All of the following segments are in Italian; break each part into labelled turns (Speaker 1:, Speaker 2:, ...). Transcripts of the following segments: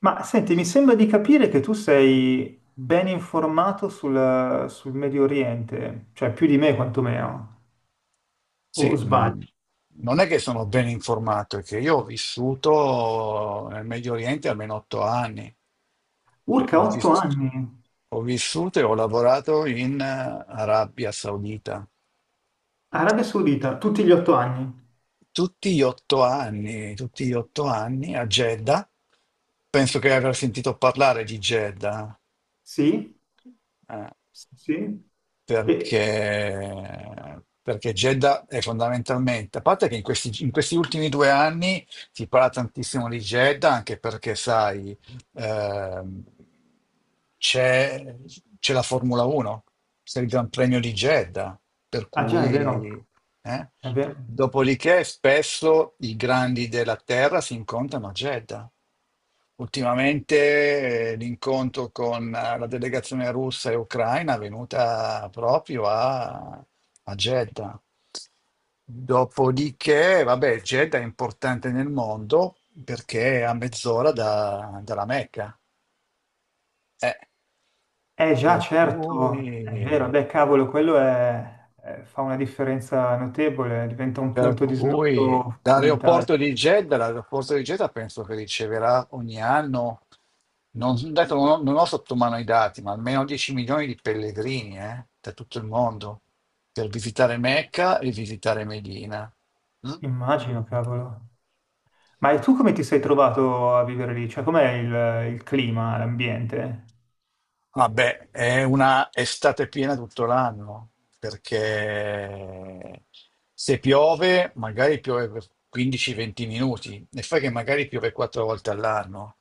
Speaker 1: Ma senti, mi sembra di capire che tu sei ben informato sul Medio Oriente, cioè più di me quantomeno,
Speaker 2: Sì,
Speaker 1: o sbaglio.
Speaker 2: non è che sono ben informato, è che io ho vissuto nel Medio Oriente almeno 8 anni. Eh,
Speaker 1: Urca,
Speaker 2: Ho
Speaker 1: otto
Speaker 2: vis-
Speaker 1: anni,
Speaker 2: ho vissuto e ho lavorato in Arabia Saudita.
Speaker 1: Arabia Saudita, tutti gli 8 anni.
Speaker 2: Tutti gli 8 anni, tutti gli 8 anni a Jeddah. Penso che aver sentito parlare di Jeddah.
Speaker 1: Sì,
Speaker 2: eh,
Speaker 1: sì, sì. E,
Speaker 2: perché Jeddah è fondamentalmente, a parte che in questi ultimi 2 anni si parla tantissimo di Jeddah, anche perché, sai, ehm, c'è, c'è la Formula 1 il Gran Premio di Jeddah, per
Speaker 1: ah già, è vero,
Speaker 2: cui... eh.
Speaker 1: è vero.
Speaker 2: Dopodiché spesso i grandi della terra si incontrano a Jeddah. Ultimamente l'incontro con la delegazione russa e ucraina è venuta proprio a Jeddah. Dopodiché, vabbè, Jeddah è importante nel mondo perché è a mezz'ora da- dalla Mecca. Eh,
Speaker 1: Eh già,
Speaker 2: per
Speaker 1: certo, è
Speaker 2: cui...
Speaker 1: vero, beh cavolo, quello fa una differenza notevole, diventa un
Speaker 2: Per
Speaker 1: punto di
Speaker 2: cui
Speaker 1: snodo fondamentale.
Speaker 2: dall'aeroporto di Jeddah, l'aeroporto di Jeddah penso che riceverà ogni anno, non ho sotto mano i dati, ma almeno 10 milioni di pellegrini da tutto il mondo per visitare Mecca e visitare Medina. Mm?
Speaker 1: Immagino, cavolo. Ma tu come ti sei trovato a vivere lì? Cioè, com'è il clima, l'ambiente?
Speaker 2: Vabbè, è una estate piena tutto l'anno, perché se piove, magari piove per 15-20 minuti, e fai che magari piove quattro volte all'anno,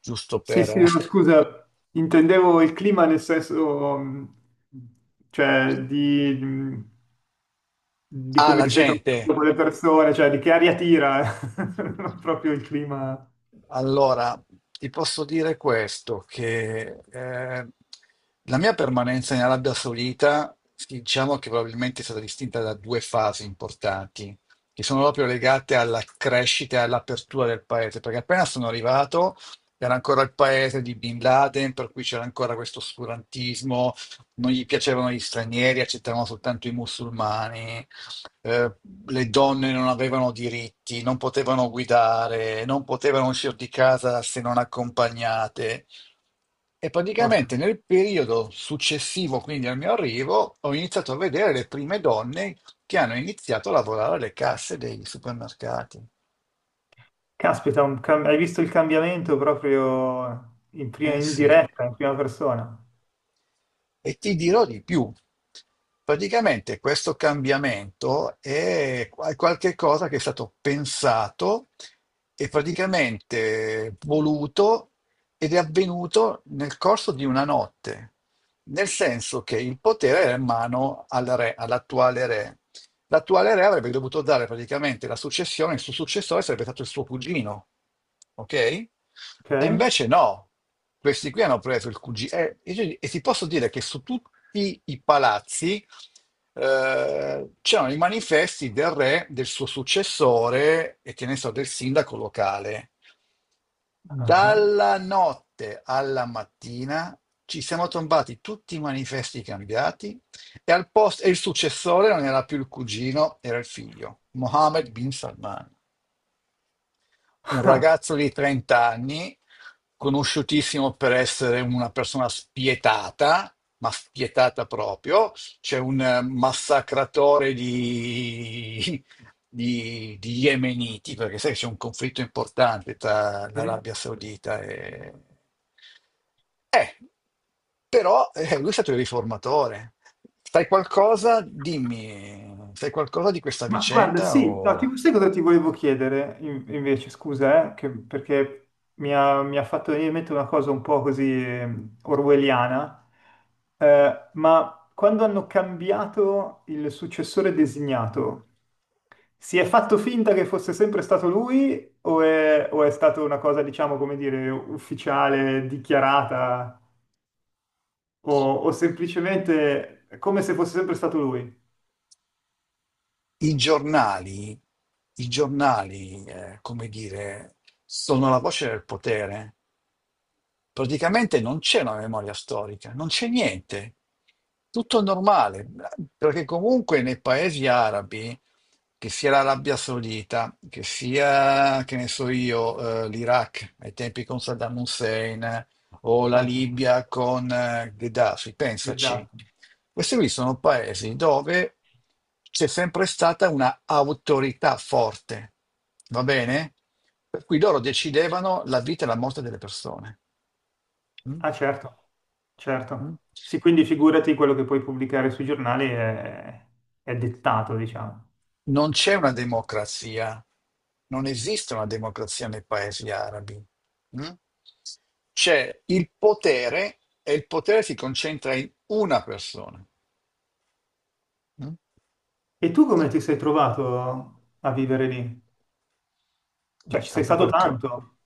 Speaker 2: giusto
Speaker 1: Sì, sì,
Speaker 2: per...
Speaker 1: no, scusa, intendevo il clima nel senso, cioè, di
Speaker 2: Ah,
Speaker 1: come
Speaker 2: la
Speaker 1: ti sei trovato
Speaker 2: gente.
Speaker 1: con le persone, cioè, di che aria tira, non proprio il clima.
Speaker 2: Allora, ti posso dire questo, che la mia permanenza in Arabia Saudita, sì, diciamo che probabilmente è stata distinta da due fasi importanti, che sono proprio legate alla crescita e all'apertura del paese, perché appena sono arrivato era ancora il paese di Bin Laden, per cui c'era ancora questo oscurantismo, non gli piacevano gli stranieri, accettavano soltanto i musulmani. eh, le donne non avevano diritti, non potevano guidare, non potevano uscire di casa se non accompagnate. E praticamente
Speaker 1: Porca.
Speaker 2: nel periodo successivo, quindi al mio arrivo, ho iniziato a vedere le prime donne che hanno iniziato a lavorare alle casse dei supermercati.
Speaker 1: Caspita, hai visto il cambiamento proprio
Speaker 2: Eh
Speaker 1: in
Speaker 2: sì.
Speaker 1: diretta, in prima persona,
Speaker 2: E ti dirò di più. Praticamente questo cambiamento è qualche cosa che è stato pensato e praticamente voluto ed è avvenuto nel corso di una notte, nel senso che il potere era in mano al re, all'attuale re. L'attuale re avrebbe dovuto dare praticamente la successione, il suo successore sarebbe stato il suo cugino, ok? E
Speaker 1: ok?
Speaker 2: invece no, questi qui hanno preso il cugino. E ti posso dire che su tutti i palazzi c'erano i manifesti del re, del suo successore e che ne so, del sindaco locale.
Speaker 1: Ah, ah.
Speaker 2: Dalla notte alla mattina ci siamo trovati tutti i manifesti cambiati e, al posto, e il successore non era più il cugino, era il figlio, Mohammed bin Salman. Un ragazzo di 30 anni, conosciutissimo per essere una persona spietata, ma spietata proprio, c'è un massacratore di yemeniti, perché sai che c'è un conflitto importante tra l'Arabia Saudita e... Eh, però lui è stato il riformatore. Sai qualcosa? Dimmi, sai qualcosa di questa
Speaker 1: Ma guarda,
Speaker 2: vicenda
Speaker 1: sì, no,
Speaker 2: o...
Speaker 1: sai cosa ti volevo chiedere invece, scusa, perché mi ha fatto venire in mente una cosa un po' così orwelliana, ma quando hanno cambiato il successore designato, si è fatto finta che fosse sempre stato lui o è stata una cosa, diciamo, come dire, ufficiale, dichiarata o, o semplicemente come se fosse sempre stato lui?
Speaker 2: I giornali, i giornali, come dire, sono la voce del potere, praticamente non c'è una memoria storica, non c'è niente, tutto normale, perché comunque nei paesi arabi, che sia l'Arabia Saudita, che sia, che ne so io, l'Iraq ai tempi con Saddam Hussein, o la
Speaker 1: Certo,
Speaker 2: Libia con Gheddafi, pensaci,
Speaker 1: esatto.
Speaker 2: questi qui sono paesi dove c'è sempre stata una autorità forte, va bene? Per cui loro decidevano la vita e la morte delle persone. Mh,
Speaker 1: Ah, certo.
Speaker 2: mh.
Speaker 1: Certo. Sì, quindi figurati quello che puoi pubblicare sui giornali è dettato, diciamo.
Speaker 2: Non c'è una democrazia, non esiste una democrazia nei paesi arabi. Mh? C'è il potere e il potere si concentra in una persona. Mh?
Speaker 1: E tu come ti sei trovato a vivere lì? Cioè,
Speaker 2: Beh,
Speaker 1: ci sei stato tanto?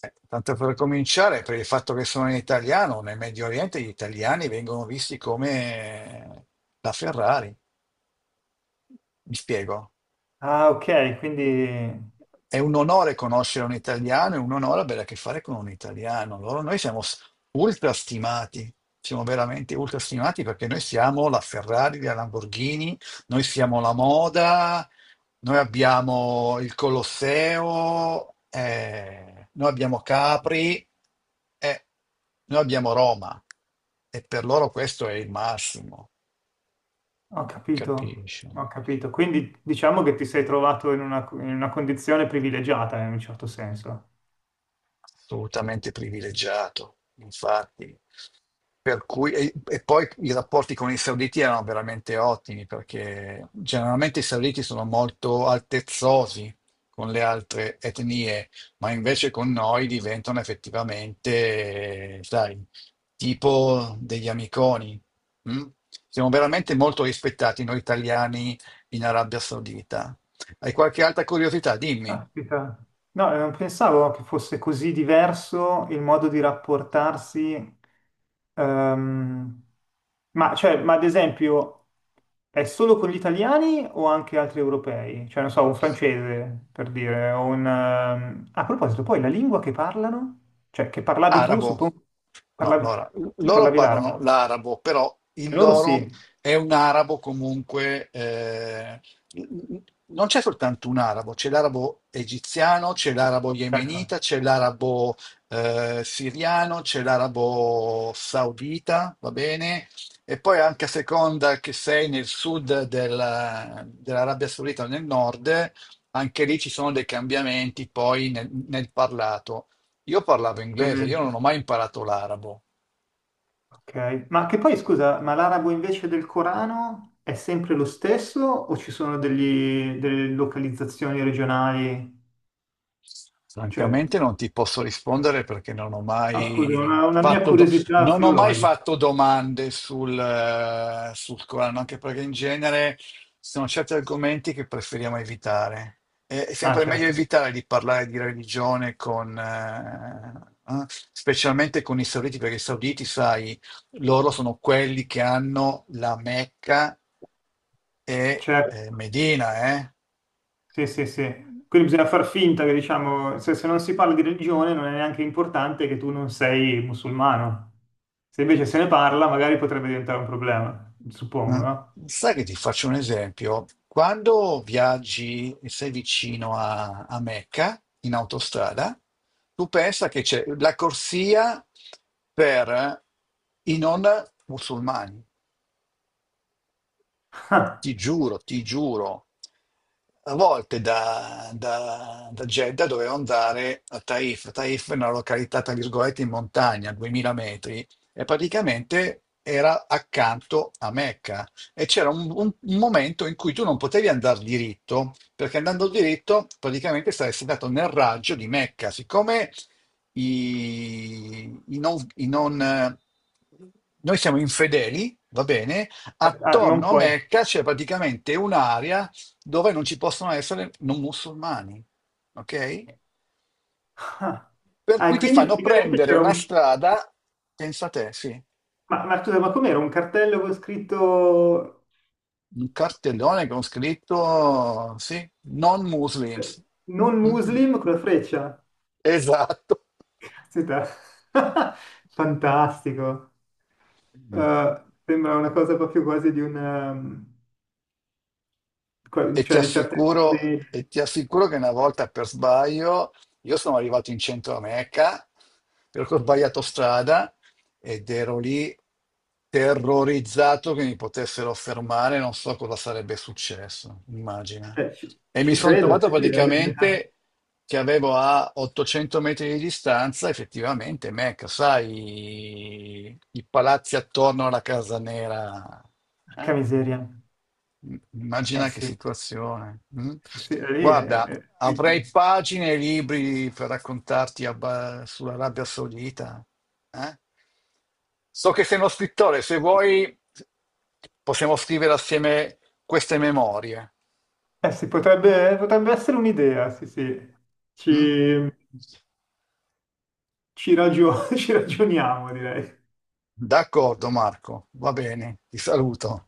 Speaker 2: tanto per cominciare, per il fatto che sono in italiano, nel Medio Oriente gli italiani vengono visti come la Ferrari. Mi spiego?
Speaker 1: Ah, ok, quindi
Speaker 2: È un onore conoscere un italiano, è un onore avere a che fare con un italiano. Noi siamo ultrastimati, siamo veramente ultrastimati perché noi siamo la Ferrari, la Lamborghini, noi siamo la moda, noi abbiamo il Colosseo, noi abbiamo Capri, eh, noi abbiamo Roma. E per loro questo è il massimo,
Speaker 1: ho capito,
Speaker 2: capisci?
Speaker 1: ho capito. Quindi diciamo che ti sei trovato in una condizione privilegiata in un certo senso.
Speaker 2: Assolutamente privilegiato, infatti. Per cui, e poi i rapporti con i sauditi erano veramente ottimi, perché generalmente i sauditi sono molto altezzosi con le altre etnie, ma invece con noi diventano effettivamente, sai, tipo degli amiconi. Mm? Siamo veramente molto rispettati noi italiani in Arabia Saudita. Hai qualche altra curiosità? Dimmi.
Speaker 1: Caspita. No, non pensavo che fosse così diverso il modo di rapportarsi. ehm, cioè, ma ad esempio, è solo con gli italiani o anche altri europei? Cioè, non so, un francese, per dire, a proposito, poi la lingua che parlano? Cioè, che parlavi tu,
Speaker 2: Arabo.
Speaker 1: suppongo...
Speaker 2: No,
Speaker 1: Parlavi...
Speaker 2: allora,
Speaker 1: Tu
Speaker 2: loro
Speaker 1: parlavi
Speaker 2: parlano
Speaker 1: l'arabo.
Speaker 2: l'arabo, però
Speaker 1: E
Speaker 2: il
Speaker 1: Loro
Speaker 2: loro
Speaker 1: sì,
Speaker 2: è un arabo comunque, non c'è soltanto un arabo, c'è l'arabo egiziano, c'è l'arabo
Speaker 1: certo,
Speaker 2: yemenita, c'è l'arabo siriano, c'è l'arabo saudita, va bene? E poi anche a seconda che sei nel sud della- dell'Arabia Saudita o nel nord, anche lì ci sono dei cambiamenti poi nel parlato. Io parlavo inglese, io non
Speaker 1: ovviamente.
Speaker 2: ho mai imparato l'arabo.
Speaker 1: Ok, ma che poi scusa, ma l'arabo invece del Corano è sempre lo stesso o ci sono delle localizzazioni regionali? Cioè,
Speaker 2: Francamente non ti posso rispondere perché
Speaker 1: no, scusa, una mia curiosità
Speaker 2: non ho mai
Speaker 1: filologica.
Speaker 2: fatto domande sul, sul Corano, anche perché in genere ci sono certi argomenti che preferiamo evitare. È
Speaker 1: Ah,
Speaker 2: sempre meglio
Speaker 1: certo,
Speaker 2: evitare di parlare di religione con, eh, specialmente con i sauditi, perché i sauditi, sai, loro sono quelli che hanno la Mecca e
Speaker 1: certo,
Speaker 2: Medina, eh?
Speaker 1: sì, sì, sì. Quindi bisogna far finta che, diciamo, se non si parla di religione non è neanche importante che tu non sei musulmano. Se invece se ne parla, magari potrebbe diventare un problema, suppongo,
Speaker 2: Eh,
Speaker 1: no?
Speaker 2: Sai che ti faccio un esempio? Quando viaggi e sei vicino a Mecca in autostrada, tu pensa che c'è la corsia per i non musulmani. Ti giuro, ti giuro, a volte da Jeddah dovevo andare a Taif. Taif è una località, tra virgolette, in montagna, 2000 metri, e praticamente era accanto a Mecca. E c'era un momento in cui tu non potevi andare diritto, perché andando diritto praticamente saresti andato nel raggio di Mecca. Siccome i, i non, noi siamo infedeli, va bene?
Speaker 1: Ah, non
Speaker 2: Attorno a
Speaker 1: puoi.
Speaker 2: Mecca c'è praticamente un'area dove non ci possono essere non musulmani, ok? Per
Speaker 1: Ah,
Speaker 2: cui
Speaker 1: e
Speaker 2: ti
Speaker 1: quindi
Speaker 2: fanno
Speaker 1: praticamente
Speaker 2: prendere
Speaker 1: c'era
Speaker 2: una
Speaker 1: un...
Speaker 2: strada, pensa te, sì,
Speaker 1: Ma scusa, ma com'era un cartello con scritto
Speaker 2: un cartellone con scritto, sì, non
Speaker 1: cioè,
Speaker 2: Muslims.
Speaker 1: non
Speaker 2: Mhm.
Speaker 1: muslim con la freccia?
Speaker 2: Esatto.
Speaker 1: Caspita. Fantastico.
Speaker 2: Mm.
Speaker 1: Sembra una cosa proprio quasi di una... cioè di certe commedie.
Speaker 2: E ti assicuro che una volta per sbaglio io sono arrivato in centro a Mecca perché ho sbagliato strada ed ero lì terrorizzato che mi potessero fermare, non so cosa sarebbe successo, immagina. E mi
Speaker 1: Ci
Speaker 2: sono
Speaker 1: credo,
Speaker 2: trovato
Speaker 1: sì, sì, la Bibbia.
Speaker 2: praticamente che avevo a 800 metri di distanza effettivamente Mecca, sai, i palazzi attorno alla Casa Nera.
Speaker 1: Porca
Speaker 2: Eh?
Speaker 1: miseria. Eh
Speaker 2: Immagina che
Speaker 1: sì,
Speaker 2: situazione. Mm?
Speaker 1: sì, sì, è lì, è-
Speaker 2: Guarda,
Speaker 1: è-
Speaker 2: avrei pagine e libri per raccontarti sull'Arabia Saudita. Eh? So che sei uno scrittore, se vuoi possiamo scrivere assieme queste memorie.
Speaker 1: Eh, sì, potrebbe essere un'idea, sì, sì. Ci,
Speaker 2: Mm?
Speaker 1: Ci ragioniamo, direi.
Speaker 2: D'accordo, Marco, va bene, ti saluto.